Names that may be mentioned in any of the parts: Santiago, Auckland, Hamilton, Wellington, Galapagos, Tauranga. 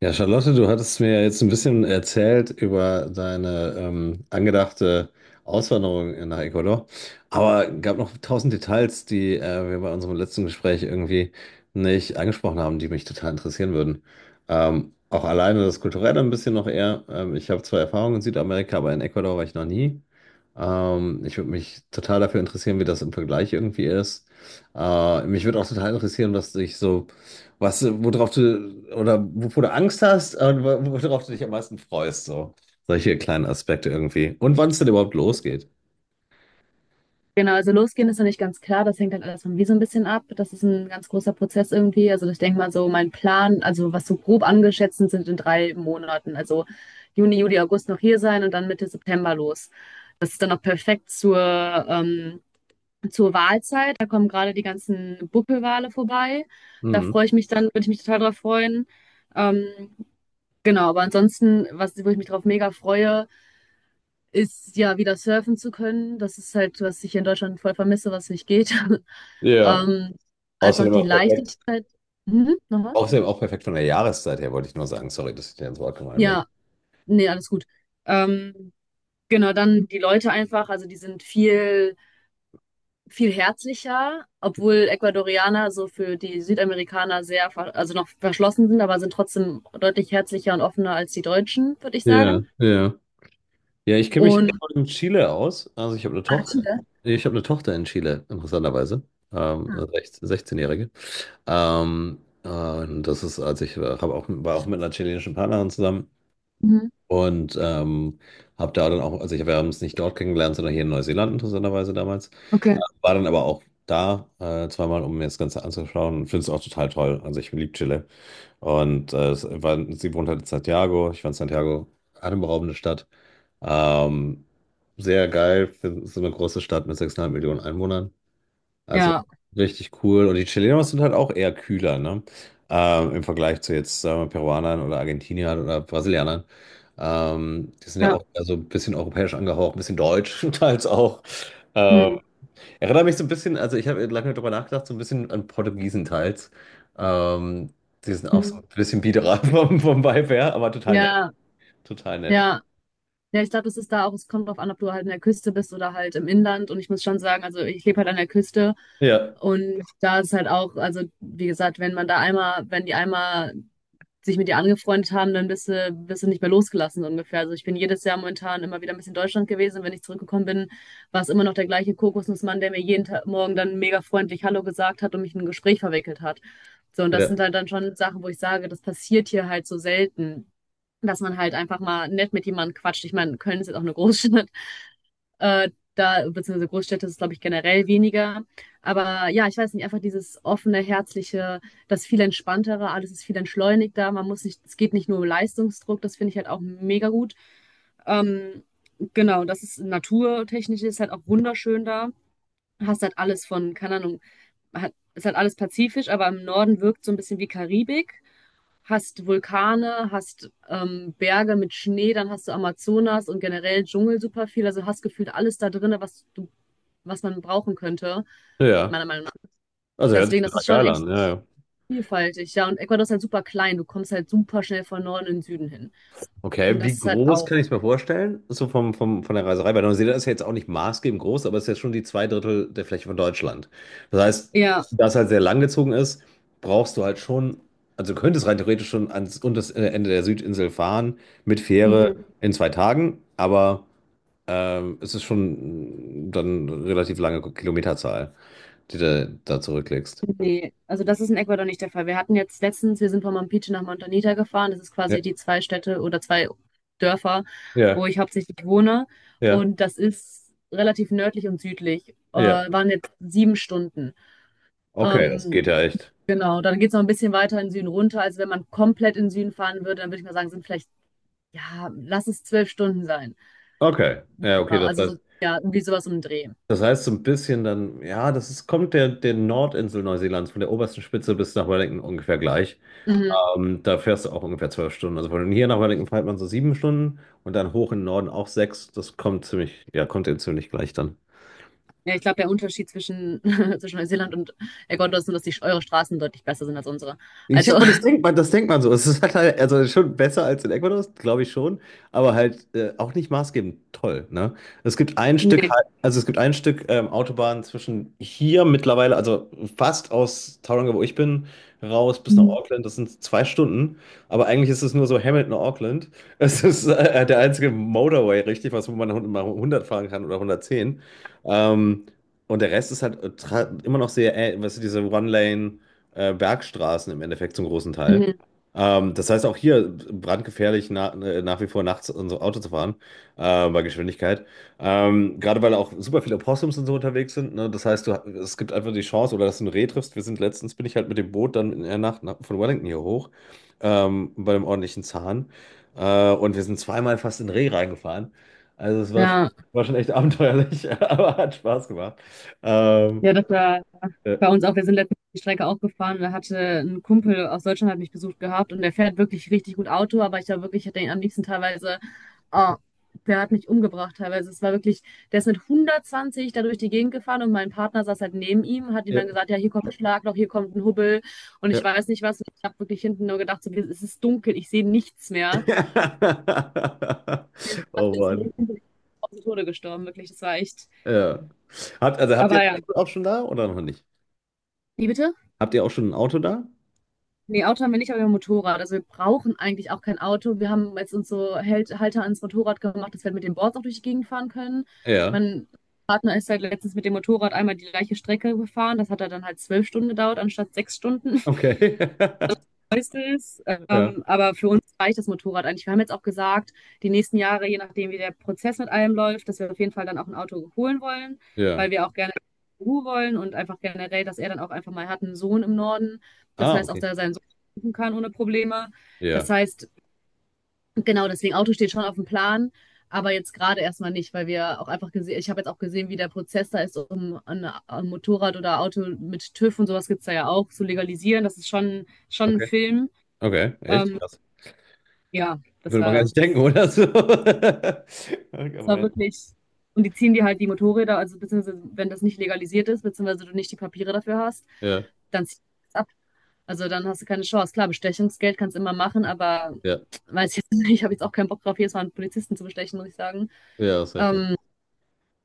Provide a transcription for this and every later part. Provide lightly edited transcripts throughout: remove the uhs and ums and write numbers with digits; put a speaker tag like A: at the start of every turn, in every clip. A: Ja, Charlotte, du hattest mir ja jetzt ein bisschen erzählt über deine angedachte Auswanderung nach Ecuador, aber gab noch tausend Details, die wir bei unserem letzten Gespräch irgendwie nicht angesprochen haben, die mich total interessieren würden. Auch alleine das Kulturelle ein bisschen noch eher. Ich habe zwar Erfahrungen in Südamerika, aber in Ecuador war ich noch nie. Ich würde mich total dafür interessieren, wie das im Vergleich irgendwie ist. Mich würde auch total interessieren, was dich so worauf du, oder wovor du Angst hast und worauf du dich am meisten freust, so. Solche kleinen Aspekte irgendwie. Und wann es denn überhaupt losgeht.
B: Genau, also losgehen ist noch nicht ganz klar. Das hängt halt alles von mir so ein bisschen ab. Das ist ein ganz großer Prozess irgendwie. Also ich denke mal so, mein Plan, also was so grob angeschätzt sind in 3 Monaten. Also Juni, Juli, August noch hier sein und dann Mitte September los. Das ist dann noch perfekt zur, ähm, zur Wahlzeit. Da kommen gerade die ganzen Buckelwale vorbei. Da
A: Hm.
B: freue ich mich dann, würde ich mich total drauf freuen. Ähm, genau, aber ansonsten, was, wo ich mich drauf mega freue, ist ja wieder surfen zu können. Das ist halt, was ich in Deutschland voll vermisse, was nicht geht.
A: Ja.
B: Ähm, Einfach
A: Außerdem
B: die
A: auch perfekt,
B: Leichtigkeit. Mhm, nochmal?
A: außerdem auch perfekt von der Jahreszeit her, wollte ich nur sagen. Sorry, dass ich dir ins Wort gefallen bin.
B: Ja, nee, alles gut. Ähm, genau, dann die Leute einfach, also die sind viel, viel herzlicher, obwohl Ecuadorianer so für die Südamerikaner sehr, also noch verschlossen sind, aber sind trotzdem deutlich herzlicher und offener als die Deutschen, würde ich
A: Ja,
B: sagen.
A: ja. Ja, ich kenne mich
B: Und.
A: in Chile aus. Also ich habe eine
B: Ah,
A: Tochter.
B: Chile.
A: Ich habe eine Tochter in Chile, interessanterweise. Eine
B: Ah.
A: 16 16-Jährige. Und das ist, als ich hab auch, war auch mit einer chilenischen Partnerin zusammen.
B: Mhm.
A: Und habe da dann auch, also ich, wir haben es nicht dort kennengelernt, sondern hier in Neuseeland interessanterweise damals.
B: Okay.
A: War dann aber auch da zweimal, um mir das Ganze anzuschauen und finde es auch total toll. Also ich liebe Chile. Und sie wohnt halt in Santiago. Ich fand Santiago atemberaubende Stadt. Ähm, Sehr geil. Es ist eine große Stadt mit 6,5 Millionen Einwohnern. Also
B: Ja,
A: richtig cool. Und die Chilenos sind halt auch eher kühler, ne? Im Vergleich zu jetzt, sagen wir, Peruanern oder Argentiniern oder Brasilianern. Die sind ja
B: ja.
A: auch eher so ein bisschen europäisch angehaucht, ein bisschen deutsch teils auch. Ähm,
B: Mhm.
A: Erinnert mich so ein bisschen, also ich habe lange darüber nachgedacht, so ein bisschen an Portugiesen teils. Ähm, Die sind auch so
B: Mhm.
A: ein bisschen biederer vom Vibe her, aber total nett.
B: Ja,
A: Total nett.
B: ja. Ja, ich glaube, das ist da auch, es kommt drauf an, ob du halt an der Küste bist oder halt im Inland. Und ich muss schon sagen, also ich lebe halt an der Küste
A: Ja,
B: und da ist halt auch, also wie gesagt, wenn man da einmal, wenn die einmal sich mit dir angefreundet haben, dann bist du nicht mehr losgelassen so ungefähr. Also ich bin jedes Jahr momentan immer wieder ein bisschen in Deutschland gewesen. Wenn ich zurückgekommen bin, war es immer noch der gleiche Kokosnussmann, der mir jeden Morgen dann mega freundlich Hallo gesagt hat und mich in ein Gespräch verwickelt hat. So, und das
A: ja,
B: sind halt dann schon Sachen, wo ich sage, das passiert hier halt so selten, dass man halt einfach mal nett mit jemandem quatscht. Ich meine, Köln ist jetzt auch eine Großstadt. Äh, Da, beziehungsweise Großstädte ist, es, glaube ich, generell weniger. Aber ja, ich weiß nicht, einfach dieses offene, herzliche, das viel entspanntere, alles ist viel entschleunigter. Man muss nicht, es geht nicht nur um Leistungsdruck, das finde ich halt auch mega gut. Ähm, genau, das ist naturtechnisch, ist halt auch wunderschön, da hast halt alles von, keine Ahnung, hat, ist halt alles pazifisch, aber im Norden wirkt so ein bisschen wie Karibik. Hast Vulkane, hast Berge mit Schnee, dann hast du Amazonas und generell Dschungel super viel. Also hast gefühlt alles da drin, was du, was man brauchen könnte,
A: ja.
B: meiner Meinung nach.
A: Also hört sich
B: Deswegen, das
A: total
B: ist schon
A: geil
B: echt
A: an, ja, ja.
B: vielfältig. Ja, und Ecuador ist halt super klein. Du kommst halt super schnell von Norden in den Süden hin. Und
A: Okay, wie
B: das ist halt
A: groß
B: auch.
A: kann ich es mir vorstellen? So von der Reiserei, weil Neuseeland ist ja jetzt auch nicht maßgebend groß, aber es ist ja schon die zwei Drittel der Fläche von Deutschland. Das heißt,
B: Ja.
A: da es halt sehr langgezogen ist, brauchst du halt schon, also du könntest rein theoretisch schon ans unterste Ende der Südinsel fahren mit
B: Mhm.
A: Fähre in zwei Tagen, aber es ist schon dann eine relativ lange Kilometerzahl, die du da zurücklegst.
B: Nee, also das ist in Ecuador nicht der Fall. Wir hatten jetzt letztens, wir sind von Mampiche nach Montanita gefahren. Das ist
A: Ja,
B: quasi die zwei Städte oder zwei Dörfer,
A: ja,
B: wo ich hauptsächlich wohne.
A: ja,
B: Und das ist relativ nördlich und südlich.
A: ja.
B: Waren jetzt 7 Stunden.
A: Okay, das
B: Ähm,
A: geht ja echt.
B: genau, dann geht es noch ein bisschen weiter in den Süden runter. Also wenn man komplett in den Süden fahren würde, dann würde ich mal sagen, sind vielleicht, ja, lass es 12 Stunden sein.
A: Okay, ja, okay,
B: Ja,
A: das
B: also
A: heißt.
B: ja, irgendwie sowas um den Dreh.
A: Das heißt so ein bisschen dann, ja, das ist, kommt der Nordinsel Neuseelands von der obersten Spitze bis nach Wellington ungefähr gleich.
B: Mhm.
A: Da fährst du auch ungefähr zwölf Stunden. Also von hier nach Wellington fährt man so sieben Stunden und dann hoch in den Norden auch sechs. Das kommt ziemlich, ja, kommt eben ziemlich gleich dann.
B: Ja, ich glaube, der Unterschied zwischen, zwischen Neuseeland und Ecuador ist nur, dass die, eure Straßen deutlich besser sind als unsere.
A: Ich
B: Also.
A: habe das denkt man so. Es ist halt also schon besser als in Ecuador, glaube ich schon, aber halt auch nicht maßgebend toll, ne? Es gibt ein Stück, Hei-
B: Nee.
A: Also es gibt ein Stück Autobahn zwischen hier mittlerweile, also fast aus Tauranga, wo ich bin, raus bis nach
B: Mhm.
A: Auckland. Das sind zwei Stunden, aber eigentlich ist es nur so Hamilton, Auckland. Es ist der einzige Motorway, richtig, was wo man mal 100 fahren kann oder 110. Ähm, und der Rest ist halt immer noch sehr, weißt du, diese One-Lane Bergstraßen im Endeffekt zum großen Teil.
B: Mhm.
A: Das heißt auch hier brandgefährlich nach wie vor nachts unser Auto zu fahren, bei Geschwindigkeit. Gerade weil auch super viele Opossums und so unterwegs sind. Ne? Das heißt, es gibt einfach die Chance, oder dass du ein Reh triffst. Bin ich halt mit dem Boot dann in der Nacht von Wellington hier hoch, bei einem ordentlichen Zahn. Und wir sind zweimal fast in Reh reingefahren. Also
B: Ja,
A: war schon echt abenteuerlich, aber hat Spaß gemacht. Ähm,
B: ja, das war
A: äh,
B: bei uns auch. Wir sind letztens die Strecke auch gefahren. Da hatte ein Kumpel aus Deutschland hat mich besucht gehabt und der fährt wirklich richtig gut Auto, aber ich war wirklich, hätte ihn am liebsten teilweise. Oh, der hat mich umgebracht teilweise. Es war wirklich, der ist mit 120 da durch die Gegend gefahren und mein Partner saß halt neben ihm, hat ihm
A: ja.
B: dann gesagt, ja, hier kommt ein Schlagloch, hier kommt ein Hubbel und ich
A: Ja.
B: weiß nicht was. Und ich habe wirklich hinten nur gedacht, so, es ist dunkel, ich sehe nichts mehr. Den Spaß
A: Oh
B: des
A: Mann.
B: Lebens bin ich auf den Tode gestorben, wirklich. Das war echt.
A: Ja. Also habt ihr
B: Aber
A: ein
B: ja.
A: Auto auch schon da oder noch nicht?
B: Wie bitte?
A: Habt ihr auch schon ein Auto da?
B: Nee, Auto haben wir nicht, aber wir haben Motorrad. Also wir brauchen eigentlich auch kein Auto. Wir haben jetzt uns so Hält Halter ans Motorrad gemacht, dass wir halt mit den Boards auch durch die Gegend fahren können.
A: Ja.
B: Mein Partner ist halt letztens mit dem Motorrad einmal die gleiche Strecke gefahren. Das hat er dann halt 12 Stunden gedauert, anstatt 6 Stunden.
A: Okay.
B: Meistens,
A: Ja.
B: aber für uns reicht das Motorrad eigentlich. Wir haben jetzt auch gesagt, die nächsten Jahre, je nachdem, wie der Prozess mit allem läuft, dass wir auf jeden Fall dann auch ein Auto holen wollen,
A: Ja.
B: weil wir auch gerne Ruhe wollen und einfach generell, dass er dann auch einfach mal hat, einen Sohn im Norden. Das
A: Ah,
B: heißt, auch
A: okay.
B: dass er seinen Sohn besuchen kann ohne Probleme.
A: Ja.
B: Das heißt, genau deswegen, Auto steht schon auf dem Plan, aber jetzt gerade erstmal nicht, weil wir auch einfach gesehen, ich habe jetzt auch gesehen, wie der Prozess da ist, um ein Motorrad oder Auto mit TÜV und sowas gibt es da ja auch zu legalisieren. Das ist schon ein
A: Okay.
B: Film.
A: Okay. Echt?
B: Ähm,
A: Krass.
B: ja, das
A: Würde man gar
B: war,
A: nicht denken, oder so? Ah, Gemein.
B: wirklich, und die ziehen dir halt die Motorräder, also beziehungsweise wenn das nicht legalisiert ist, beziehungsweise du nicht die Papiere dafür hast,
A: Ja.
B: dann ziehst du das ab. Also dann hast du keine Chance. Klar, Bestechungsgeld kannst du immer machen, aber
A: Ja.
B: weiß jetzt nicht, ich habe jetzt auch keinen Bock drauf, jedes Mal einen Polizisten zu bestechen, muss ich sagen.
A: Ja, das ist heftig.
B: Ähm,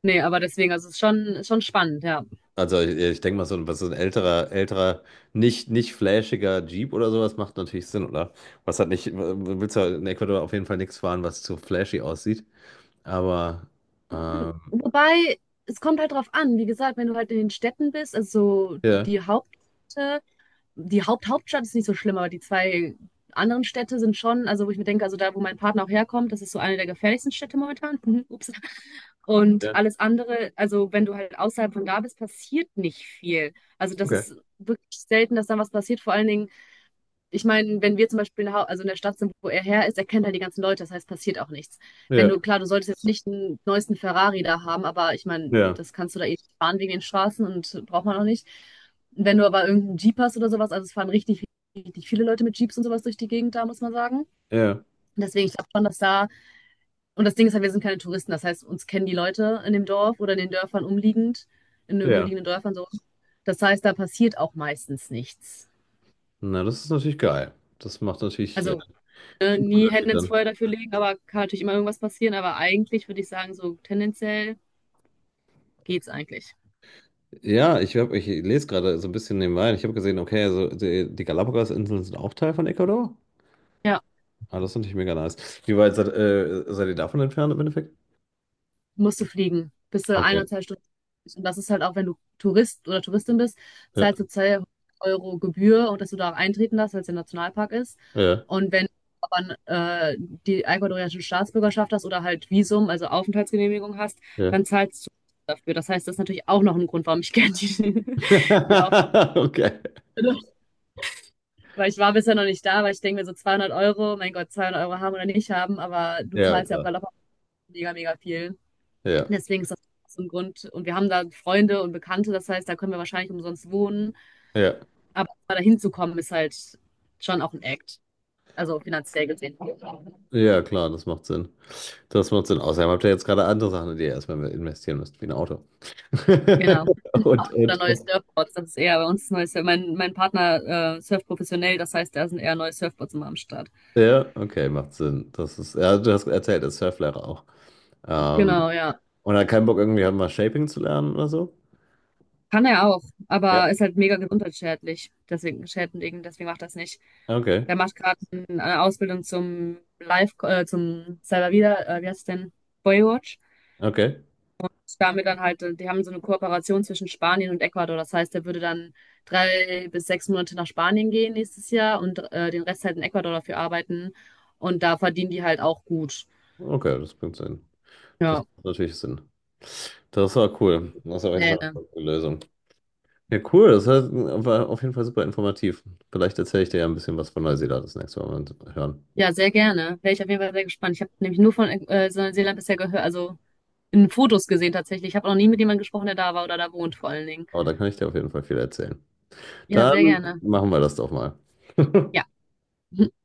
B: Nee, aber deswegen, also es ist schon spannend, ja.
A: Also ich denke mal, was so ein nicht flashiger Jeep oder sowas macht natürlich Sinn, oder? Was hat nicht, Willst du in Ecuador auf jeden Fall nichts fahren, was zu flashy aussieht? Aber ähm,
B: Wobei, es kommt halt drauf an, wie gesagt, wenn du halt in den Städten bist, also
A: ja,
B: die Hauptstadt ist nicht so schlimm, aber die zwei anderen Städte sind schon, also wo ich mir denke, also da, wo mein Partner auch herkommt, das ist so eine der gefährlichsten Städte momentan. Ups. Und
A: ja,
B: alles andere, also wenn du halt außerhalb von da bist, passiert nicht viel. Also das
A: okay.
B: ist wirklich selten, dass dann was passiert. Vor allen Dingen ich meine, wenn wir zum Beispiel in der, also in der Stadt sind, wo er her ist, er kennt halt die ganzen Leute, das heißt, passiert auch nichts. Wenn
A: Ja,
B: du, klar, du solltest jetzt nicht den neuesten Ferrari da haben, aber ich meine,
A: ja,
B: das kannst du da eh nicht fahren wegen den Straßen und braucht man auch nicht. Wenn du aber irgendeinen Jeep hast oder sowas, also es fahren richtig, richtig viele Leute mit Jeeps und sowas durch die Gegend da, muss man sagen.
A: ja,
B: Deswegen, ich glaube schon, dass da, und das Ding ist halt, wir sind keine Touristen, das heißt, uns kennen die Leute in dem Dorf oder in den Dörfern umliegend, in den
A: ja.
B: umliegenden Dörfern so. Das heißt, da passiert auch meistens nichts.
A: Na, das ist natürlich geil. Das macht natürlich
B: Also
A: viel
B: nie
A: Unterschied
B: Hände ins
A: dann.
B: Feuer dafür legen, aber kann natürlich immer irgendwas passieren. Aber eigentlich würde ich sagen, so tendenziell geht's eigentlich.
A: Ja, ich lese gerade so ein bisschen nebenbei. Ich habe gesehen, okay, also die Galapagos-Inseln sind auch Teil von Ecuador.
B: Ja,
A: Ah, das ist natürlich mega nice. Wie weit seid ihr davon entfernt im Endeffekt?
B: musst du fliegen. Bist du ein oder
A: Okay.
B: zwei Stunden. Und das ist halt auch, wenn du Tourist oder Touristin bist,
A: Ja,
B: zahlst du 2 Euro Gebühr und dass du da auch eintreten darfst, weil es ja ein Nationalpark ist.
A: ja,
B: Und wenn du aber äh, die ecuadorianische Staatsbürgerschaft hast oder halt Visum, also Aufenthaltsgenehmigung hast,
A: ja.
B: dann zahlst du dafür. Das heißt, das ist natürlich auch noch ein Grund, warum ich gerne die, die
A: Okay.
B: Aufenthaltsgenehmigung. Weil ich war bisher noch nicht da, weil ich denke mir so 200 Euro, mein Gott, 200 Euro haben oder nicht haben, aber du
A: Ja,
B: zahlst ja auf
A: klar.
B: Galopp mega, mega viel.
A: Ja,
B: Deswegen ist das so ein Grund. Und wir haben da Freunde und Bekannte, das heißt, da können wir wahrscheinlich umsonst wohnen.
A: ja.
B: Aber da hinzukommen ist halt schon auch ein Act. Also finanziell gesehen.
A: Ja, klar, das macht Sinn. Das macht Sinn. Außerdem habt ihr jetzt gerade andere Sachen, in die ihr erstmal investieren müsst, wie ein Auto.
B: Genau. Oder
A: Und,
B: neue
A: und.
B: Surfboards, das ist eher bei uns neues. Mein Partner surft professionell, das heißt, da sind eher neue Surfboards immer am Start.
A: Ja, okay, macht Sinn. Das ist, ja, du hast erzählt, als Surflehrer auch. Ähm,
B: Genau, ja.
A: und hat keinen Bock, irgendwie halt mal Shaping zu lernen oder so?
B: Kann er auch,
A: Ja.
B: aber ist halt mega gesundheitsschädlich. Deswegen, schädlich, deswegen macht er es nicht.
A: Okay,
B: Der macht gerade eine Ausbildung zum Live, zum selber wieder, wie heißt es denn? Boywatch.
A: okay,
B: Damit dann halt, die haben so eine Kooperation zwischen Spanien und Ecuador. Das heißt, er würde dann 3 bis 6 Monate nach Spanien gehen nächstes Jahr und den Rest halt in Ecuador dafür arbeiten. Und da verdienen die halt auch gut.
A: okay, das bringt Sinn. Das
B: Ja,
A: macht natürlich Sinn. Das war cool. Das ist auf jeden
B: nee,
A: Fall
B: ne.
A: eine gute Lösung. Ja, cool. War auf jeden Fall super informativ. Vielleicht erzähle ich dir ja ein bisschen was von Neuseeland das nächste Mal, wenn wir uns hören.
B: Ja, sehr gerne. Wäre ich auf jeden Fall sehr gespannt. Ich habe nämlich nur von Neuseeland bisher gehört, also in Fotos gesehen tatsächlich. Ich habe noch nie mit jemandem gesprochen, der da war oder da wohnt vor allen Dingen.
A: Oh, da kann ich dir auf jeden Fall viel erzählen.
B: Ja, sehr
A: Dann
B: gerne.
A: machen wir das doch mal.
B: Ja.